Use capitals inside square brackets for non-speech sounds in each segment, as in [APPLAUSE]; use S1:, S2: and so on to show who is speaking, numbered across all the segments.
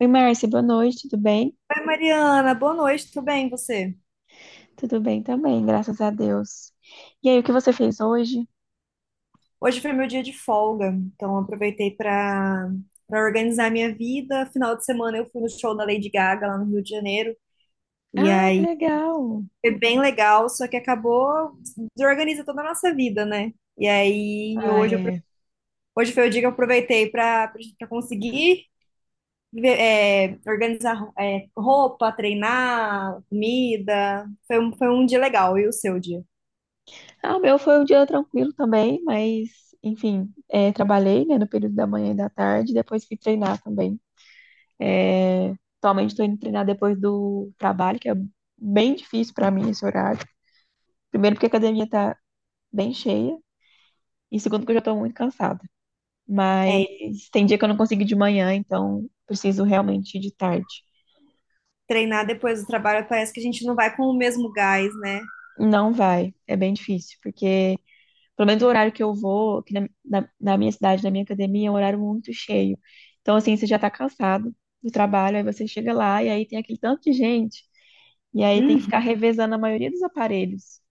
S1: Oi, Márcia, boa noite, tudo bem?
S2: Oi, Mariana, boa noite, tudo bem, e você?
S1: Tudo bem também, graças a Deus. E aí, o que você fez hoje?
S2: Hoje foi meu dia de folga, então eu aproveitei para organizar minha vida. Final de semana eu fui no show da Lady Gaga lá no Rio de Janeiro, e
S1: Ah, que
S2: aí
S1: legal!
S2: foi bem legal, só que acabou desorganiza toda a nossa vida, né? E aí
S1: Ah,
S2: hoje,
S1: é.
S2: hoje foi o dia que eu aproveitei para conseguir organizar roupa, treinar, comida. Foi um dia legal, e o seu dia?
S1: Ah, o meu foi um dia tranquilo também, mas, enfim, é, trabalhei, né, no período da manhã e da tarde, depois fui treinar também. É, atualmente estou indo treinar depois do trabalho, que é bem difícil para mim esse horário. Primeiro, porque a academia tá bem cheia, e segundo, porque eu já estou muito cansada. Mas tem dia que eu não consigo ir de manhã, então preciso realmente ir de tarde.
S2: Treinar depois do trabalho, parece que a gente não vai com o mesmo gás, né?
S1: Não vai, é bem difícil, porque pelo menos o horário que eu vou, aqui na minha cidade, na minha academia, é um horário muito cheio. Então, assim, você já tá cansado do trabalho, aí você chega lá e aí tem aquele tanto de gente, e aí tem que
S2: Uhum.
S1: ficar revezando a maioria dos aparelhos,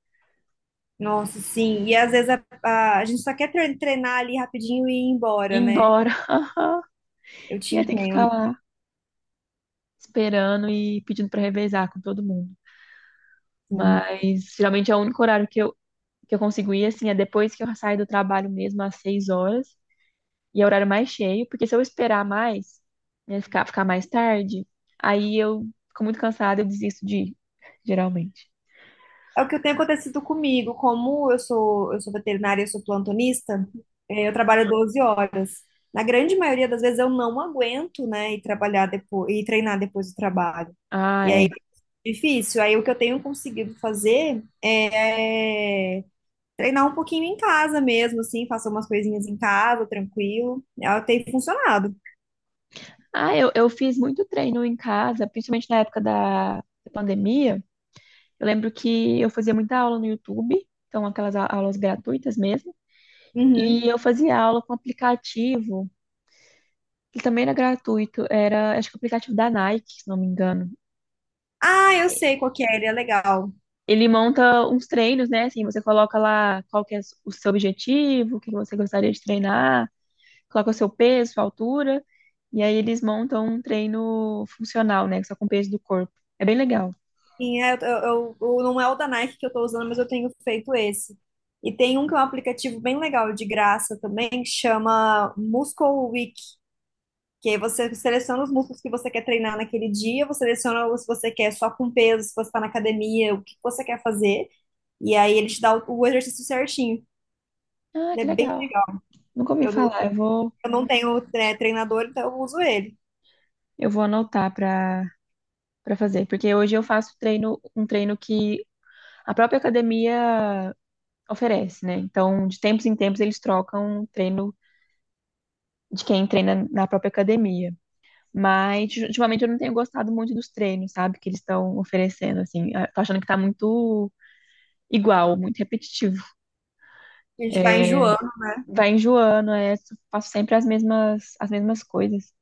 S2: Nossa, sim. E às vezes a gente só quer treinar ali rapidinho e ir
S1: ir
S2: embora, né?
S1: embora. [LAUGHS]
S2: Eu te
S1: E aí tem que ficar
S2: entendo,
S1: lá esperando e pedindo para revezar com todo mundo.
S2: sim.
S1: Mas geralmente é o único horário que eu consigo ir, assim, é depois que eu saio do trabalho mesmo, às seis horas. E é horário mais cheio, porque se eu esperar mais, né, ficar mais tarde, aí eu fico muito cansada, eu desisto de ir, geralmente.
S2: É o que tem acontecido comigo. Como eu sou veterinária, eu sou plantonista, eu trabalho 12 horas. Na grande maioria das vezes eu não aguento, né, e trabalhar depois e treinar depois do trabalho.
S1: Ah,
S2: E aí
S1: é.
S2: é difícil. Aí o que eu tenho conseguido fazer é treinar um pouquinho em casa mesmo, assim, fazer umas coisinhas em casa, tranquilo. Ela tem funcionado.
S1: Ah, eu fiz muito treino em casa, principalmente na época da pandemia. Eu lembro que eu fazia muita aula no YouTube, então aquelas aulas gratuitas mesmo.
S2: Uhum.
S1: E eu fazia aula com aplicativo, que também era gratuito, era, acho que o aplicativo da Nike, se não me engano.
S2: Ah, eu sei qual que é, ele é legal.
S1: Ele monta uns treinos, né? Assim, você coloca lá qual que é o seu objetivo, o que você gostaria de treinar, coloca o seu peso, sua altura, e aí eles montam um treino funcional, né? Só com o peso do corpo. É bem legal.
S2: Sim, é, eu não é o da Nike que eu tô usando, mas eu tenho feito esse. E tem um que é um aplicativo bem legal, de graça também, que chama Muscle Week, que aí você seleciona os músculos que você quer treinar naquele dia, você seleciona se você quer só com peso, se você tá na academia, o que você quer fazer, e aí ele te dá o exercício certinho.
S1: Ah, que
S2: É bem,
S1: legal. Nunca ouvi
S2: eu,
S1: falar. Eu vou,
S2: eu não tenho, né, treinador, então eu uso ele.
S1: eu vou anotar para fazer, porque hoje eu faço treino, um treino que a própria academia oferece, né? Então, de tempos em tempos eles trocam um treino de quem treina na própria academia. Mas ultimamente eu não tenho gostado muito dos treinos, sabe? Que eles estão oferecendo, assim. Eu tô achando que tá muito igual, muito repetitivo.
S2: A gente vai enjoando,
S1: Vai enjoando, é, faço sempre as mesmas coisas.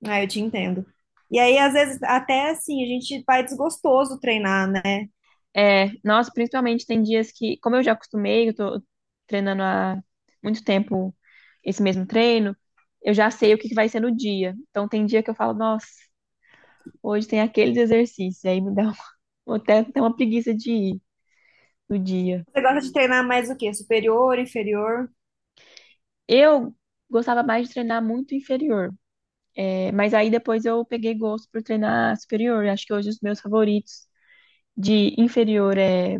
S2: né? Eu te entendo. E aí, às vezes, até assim, a gente vai desgostoso treinar, né?
S1: É, nossa, principalmente tem dias que, como eu já acostumei, eu tô treinando há muito tempo esse mesmo treino, eu já sei o que que vai ser no dia. Então tem dia que eu falo, nossa, hoje tem aqueles exercícios, aí me dá [LAUGHS] até uma preguiça de ir no dia.
S2: Você gosta de treinar mais o quê? Superior, inferior?
S1: Eu gostava mais de treinar muito inferior. É, mas aí depois eu peguei gosto por treinar superior. Acho que hoje os meus favoritos de inferior é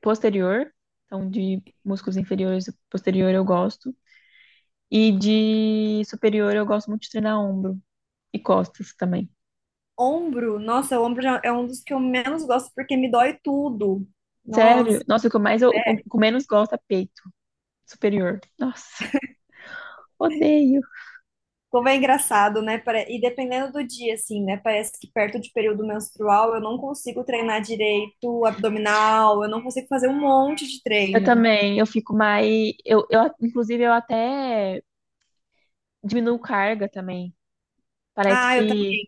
S1: posterior. Então, de músculos inferiores e posterior eu gosto. E de superior eu gosto muito de treinar ombro e costas também.
S2: Ombro? Nossa, o ombro já é um dos que eu menos gosto porque me dói tudo.
S1: Sério?
S2: Nossa,
S1: Nossa, o que eu menos gosto é peito superior. Nossa, odeio.
S2: como é engraçado, né? E dependendo do dia, assim, né? Parece que perto de período menstrual eu não consigo treinar direito abdominal, eu não consigo fazer um monte de
S1: Eu
S2: treino.
S1: também, eu fico mais. Inclusive, eu até diminuo carga também. Parece
S2: Ah, eu tam-
S1: que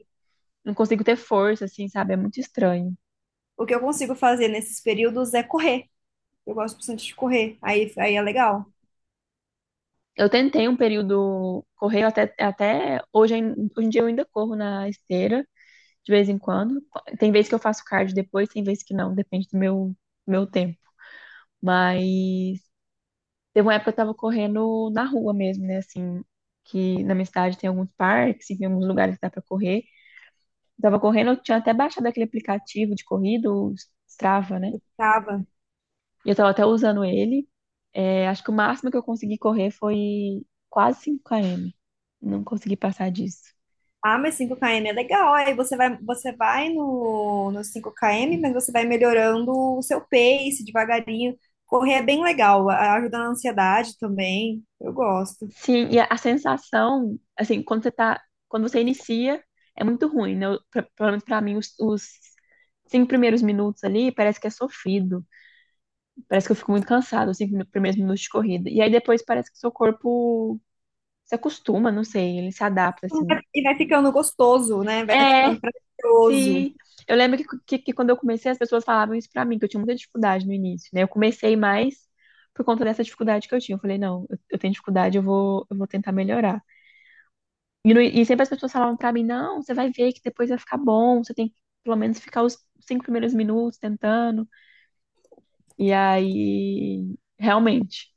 S1: não consigo ter força, assim, sabe? É muito estranho.
S2: o que eu consigo fazer nesses períodos é correr. Eu gosto bastante de correr. Aí é legal.
S1: Eu tentei um período correr, até hoje, hoje em dia eu ainda corro na esteira, de vez em quando. Tem vezes que eu faço cardio depois, tem vezes que não, depende do meu tempo. Mas teve uma época que eu tava correndo na rua mesmo, né? Assim, que na minha cidade tem alguns parques, e tem alguns lugares que dá pra correr. Eu tava correndo, eu tinha até baixado aquele aplicativo de corrida, o Strava, né?
S2: Tava.
S1: E eu tava até usando ele. É, acho que o máximo que eu consegui correr foi quase 5 km. Não consegui passar disso.
S2: Ah, mas 5 km é legal. Aí você vai no, no 5 km, mas você vai melhorando o seu pace devagarinho. Correr é bem legal. Ajuda na ansiedade também. Eu gosto.
S1: Sim, e a sensação, assim, quando você inicia, é muito ruim, né? Pelo menos pra mim, os cinco primeiros minutos ali, parece que é sofrido. Parece que eu fico muito cansado, os cinco primeiros minutos de corrida. E aí depois parece que o seu corpo se acostuma, não sei, ele se adapta, assim.
S2: E vai ficando gostoso, né? Vai
S1: É,
S2: ficando prazeroso.
S1: sim. Eu lembro que quando eu comecei, as pessoas falavam isso pra mim, que eu tinha muita dificuldade no início, né? Eu comecei mais por conta dessa dificuldade que eu tinha. Eu falei, não, eu tenho dificuldade, eu vou tentar melhorar. E, sempre as pessoas falavam pra mim, não, você vai ver que depois vai ficar bom, você tem que pelo menos ficar os cinco primeiros minutos tentando. E aí, realmente.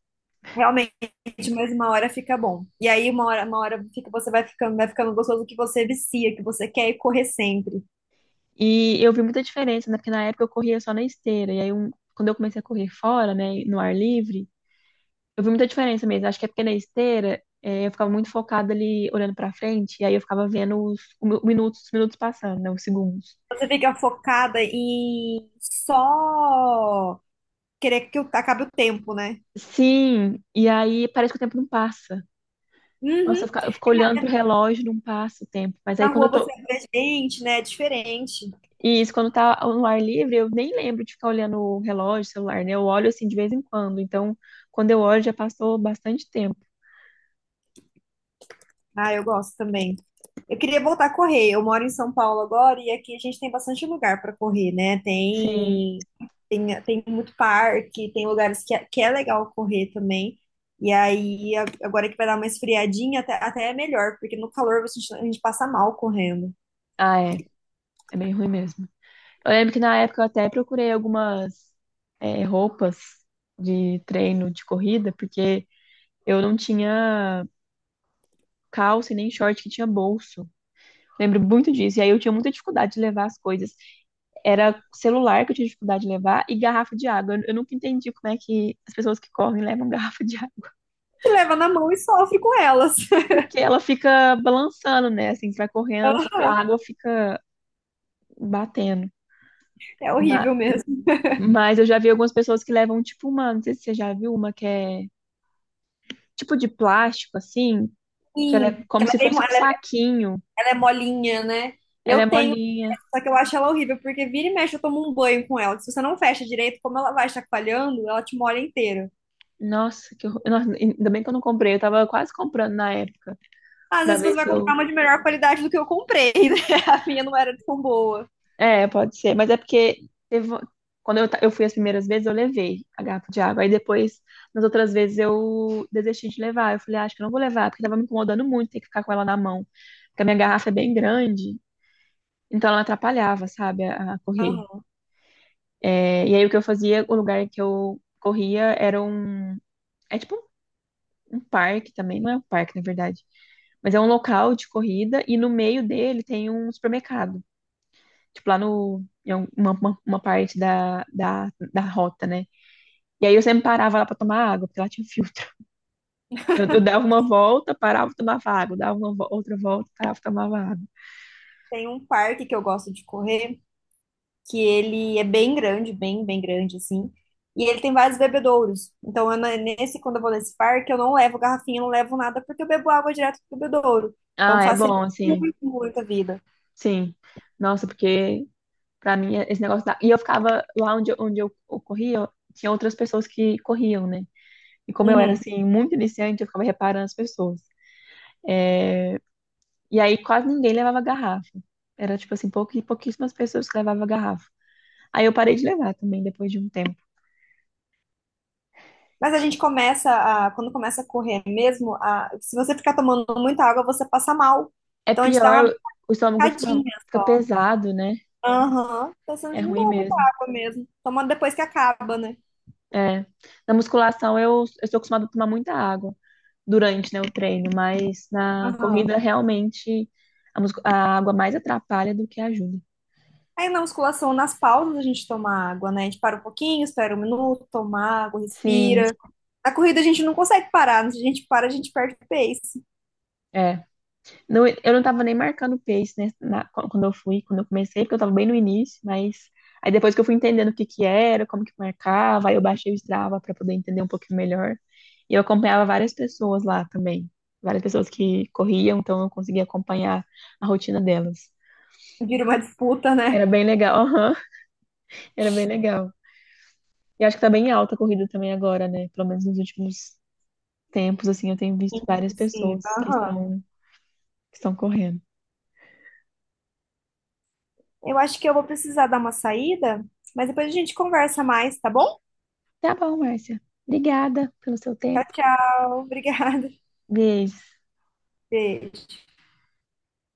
S2: Realmente, mas uma hora fica bom. E aí uma hora fica, você vai ficando gostoso que você vicia, que você quer ir correr sempre.
S1: E eu vi muita diferença, né? Porque na época eu corria só na esteira. E aí, quando eu comecei a correr fora, né, no ar livre, eu vi muita diferença mesmo. Acho que é porque na esteira, eu ficava muito focada ali olhando pra frente, e aí eu ficava vendo os minutos passando, né? Os segundos.
S2: Você fica focada em só querer que acabe o tempo, né?
S1: Sim, e aí parece que o tempo não passa. Nossa, eu
S2: Uhum.
S1: fico, eu fico
S2: Na
S1: olhando pro relógio, não passa o tempo. Mas
S2: na
S1: aí quando
S2: rua
S1: eu
S2: você
S1: tô.
S2: vê gente, né? É diferente.
S1: E isso, quando tá no ar livre, eu nem lembro de ficar olhando o relógio, celular, né? Eu olho assim de vez em quando. Então, quando eu olho, já passou bastante tempo.
S2: Ah, eu gosto também. Eu queria voltar a correr. Eu moro em São Paulo agora e aqui a gente tem bastante lugar para correr, né?
S1: Sim.
S2: Tem muito parque, tem lugares que é legal correr também. E aí, agora que vai dar uma esfriadinha, até é melhor, porque no calor você, a gente passa mal correndo.
S1: Ah, é. É bem ruim mesmo. Eu lembro que na época eu até procurei algumas roupas de treino de corrida, porque eu não tinha calça e nem short que tinha bolso. Lembro muito disso. E aí eu tinha muita dificuldade de levar as coisas. Era celular que eu tinha dificuldade de levar e garrafa de água. Eu nunca entendi como é que as pessoas que correm levam garrafa de água.
S2: Te leva na mão e sofre com elas.
S1: Porque ela fica balançando, né? Assim, você vai correndo, a
S2: [LAUGHS]
S1: água fica batendo.
S2: É
S1: Ma-
S2: horrível mesmo.
S1: Mas, eu já vi algumas pessoas que levam, tipo, uma, não sei se você já viu uma que é tipo de plástico, assim, que ela é
S2: Sim, porque
S1: como
S2: ela
S1: se
S2: é, bem mo-
S1: fosse um saquinho.
S2: ela é molinha, né?
S1: Ela é
S2: Eu tenho,
S1: molinha.
S2: só que eu acho ela horrível, porque vira e mexe eu tomo um banho com ela. Se você não fecha direito, como ela vai chacoalhando, ela te molha inteira.
S1: Nossa, que horror. Nossa, ainda bem que eu não comprei. Eu tava quase comprando na época
S2: Às
S1: pra
S2: vezes você
S1: ver
S2: vai
S1: se
S2: comprar
S1: eu.
S2: uma de melhor qualidade do que eu comprei, né? [LAUGHS] A minha não era tão boa.
S1: É, pode ser, mas é porque teve- eu fui as primeiras vezes, eu levei a garrafa de água. Aí depois, nas outras vezes, eu desisti de levar. Eu falei, "Ah, acho que eu não vou levar, porque tava me incomodando muito ter que ficar com ela na mão. Porque a minha garrafa é bem grande, então ela atrapalhava, sabe, a correr.
S2: Aham.
S1: É, e aí o que eu fazia, o lugar que eu corria era um. É tipo um parque também, não é um parque, na verdade. Mas é um local de corrida e no meio dele tem um supermercado. Tipo, lá no. em um- uma parte da rota, né? E aí eu sempre parava lá para tomar água, porque lá tinha filtro. Eu dava uma volta, parava, tomava água, dava uma outra volta, parava, tomava água.
S2: Tem um parque que eu gosto de correr, que ele é bem grande, bem, bem grande, assim. E ele tem vários bebedouros. Então, eu, nesse, quando eu vou nesse parque, eu não levo garrafinha, eu não levo nada, porque eu bebo água direto do bebedouro. Então,
S1: Ah, é bom,
S2: facilita
S1: assim,
S2: muito, muito a vida.
S1: sim. Nossa, porque para mim esse negócio da. E eu ficava lá onde eu corria, tinha outras pessoas que corriam, né? E como eu era,
S2: Uhum.
S1: assim, muito iniciante, eu ficava reparando as pessoas. E aí quase ninguém levava garrafa. Era, tipo assim, pouquíssimas pessoas que levavam garrafa. Aí eu parei de levar também, depois de um tempo.
S2: Mas a gente começa a, quando começa a correr mesmo, a, se você ficar tomando muita água, você passa mal.
S1: É
S2: Então, a gente dá uma
S1: pior, o estômago fica,
S2: brincadinha.
S1: fica pesado, né?
S2: Aham. Então, você
S1: É
S2: não
S1: ruim
S2: toma muita
S1: mesmo.
S2: água mesmo. Toma depois que acaba, né?
S1: É. Na musculação eu estou acostumada a tomar muita água durante, né, o treino, mas na
S2: Aham.
S1: corrida realmente a água mais atrapalha do que ajuda.
S2: Aí na musculação, nas pausas, a gente toma água, né? A gente para um pouquinho, espera um minuto, toma água, respira.
S1: Sim,
S2: Na corrida a gente não consegue parar, né? Se a gente para, a gente perde o pace.
S1: é. Não, eu não estava nem marcando pace, né, quando eu comecei, porque eu estava bem no início, mas aí depois que eu fui entendendo o que que era, como que marcava, aí eu baixei o Strava para poder entender um pouquinho melhor. E eu acompanhava várias pessoas lá também, várias pessoas que corriam, então eu conseguia acompanhar a rotina delas.
S2: Vira uma disputa, né?
S1: Era bem legal. [LAUGHS] Era bem legal. E acho que tá bem alta a corrida também agora, né? Pelo menos nos últimos tempos, assim, eu tenho visto várias
S2: Sim,
S1: pessoas que
S2: aham.
S1: estão, que estão correndo.
S2: Eu acho que eu vou precisar dar uma saída, mas depois a gente conversa mais, tá bom?
S1: Tá bom, Márcia. Obrigada pelo seu
S2: Tchau,
S1: tempo.
S2: tchau. [LAUGHS] Obrigada.
S1: Beijo.
S2: Beijo.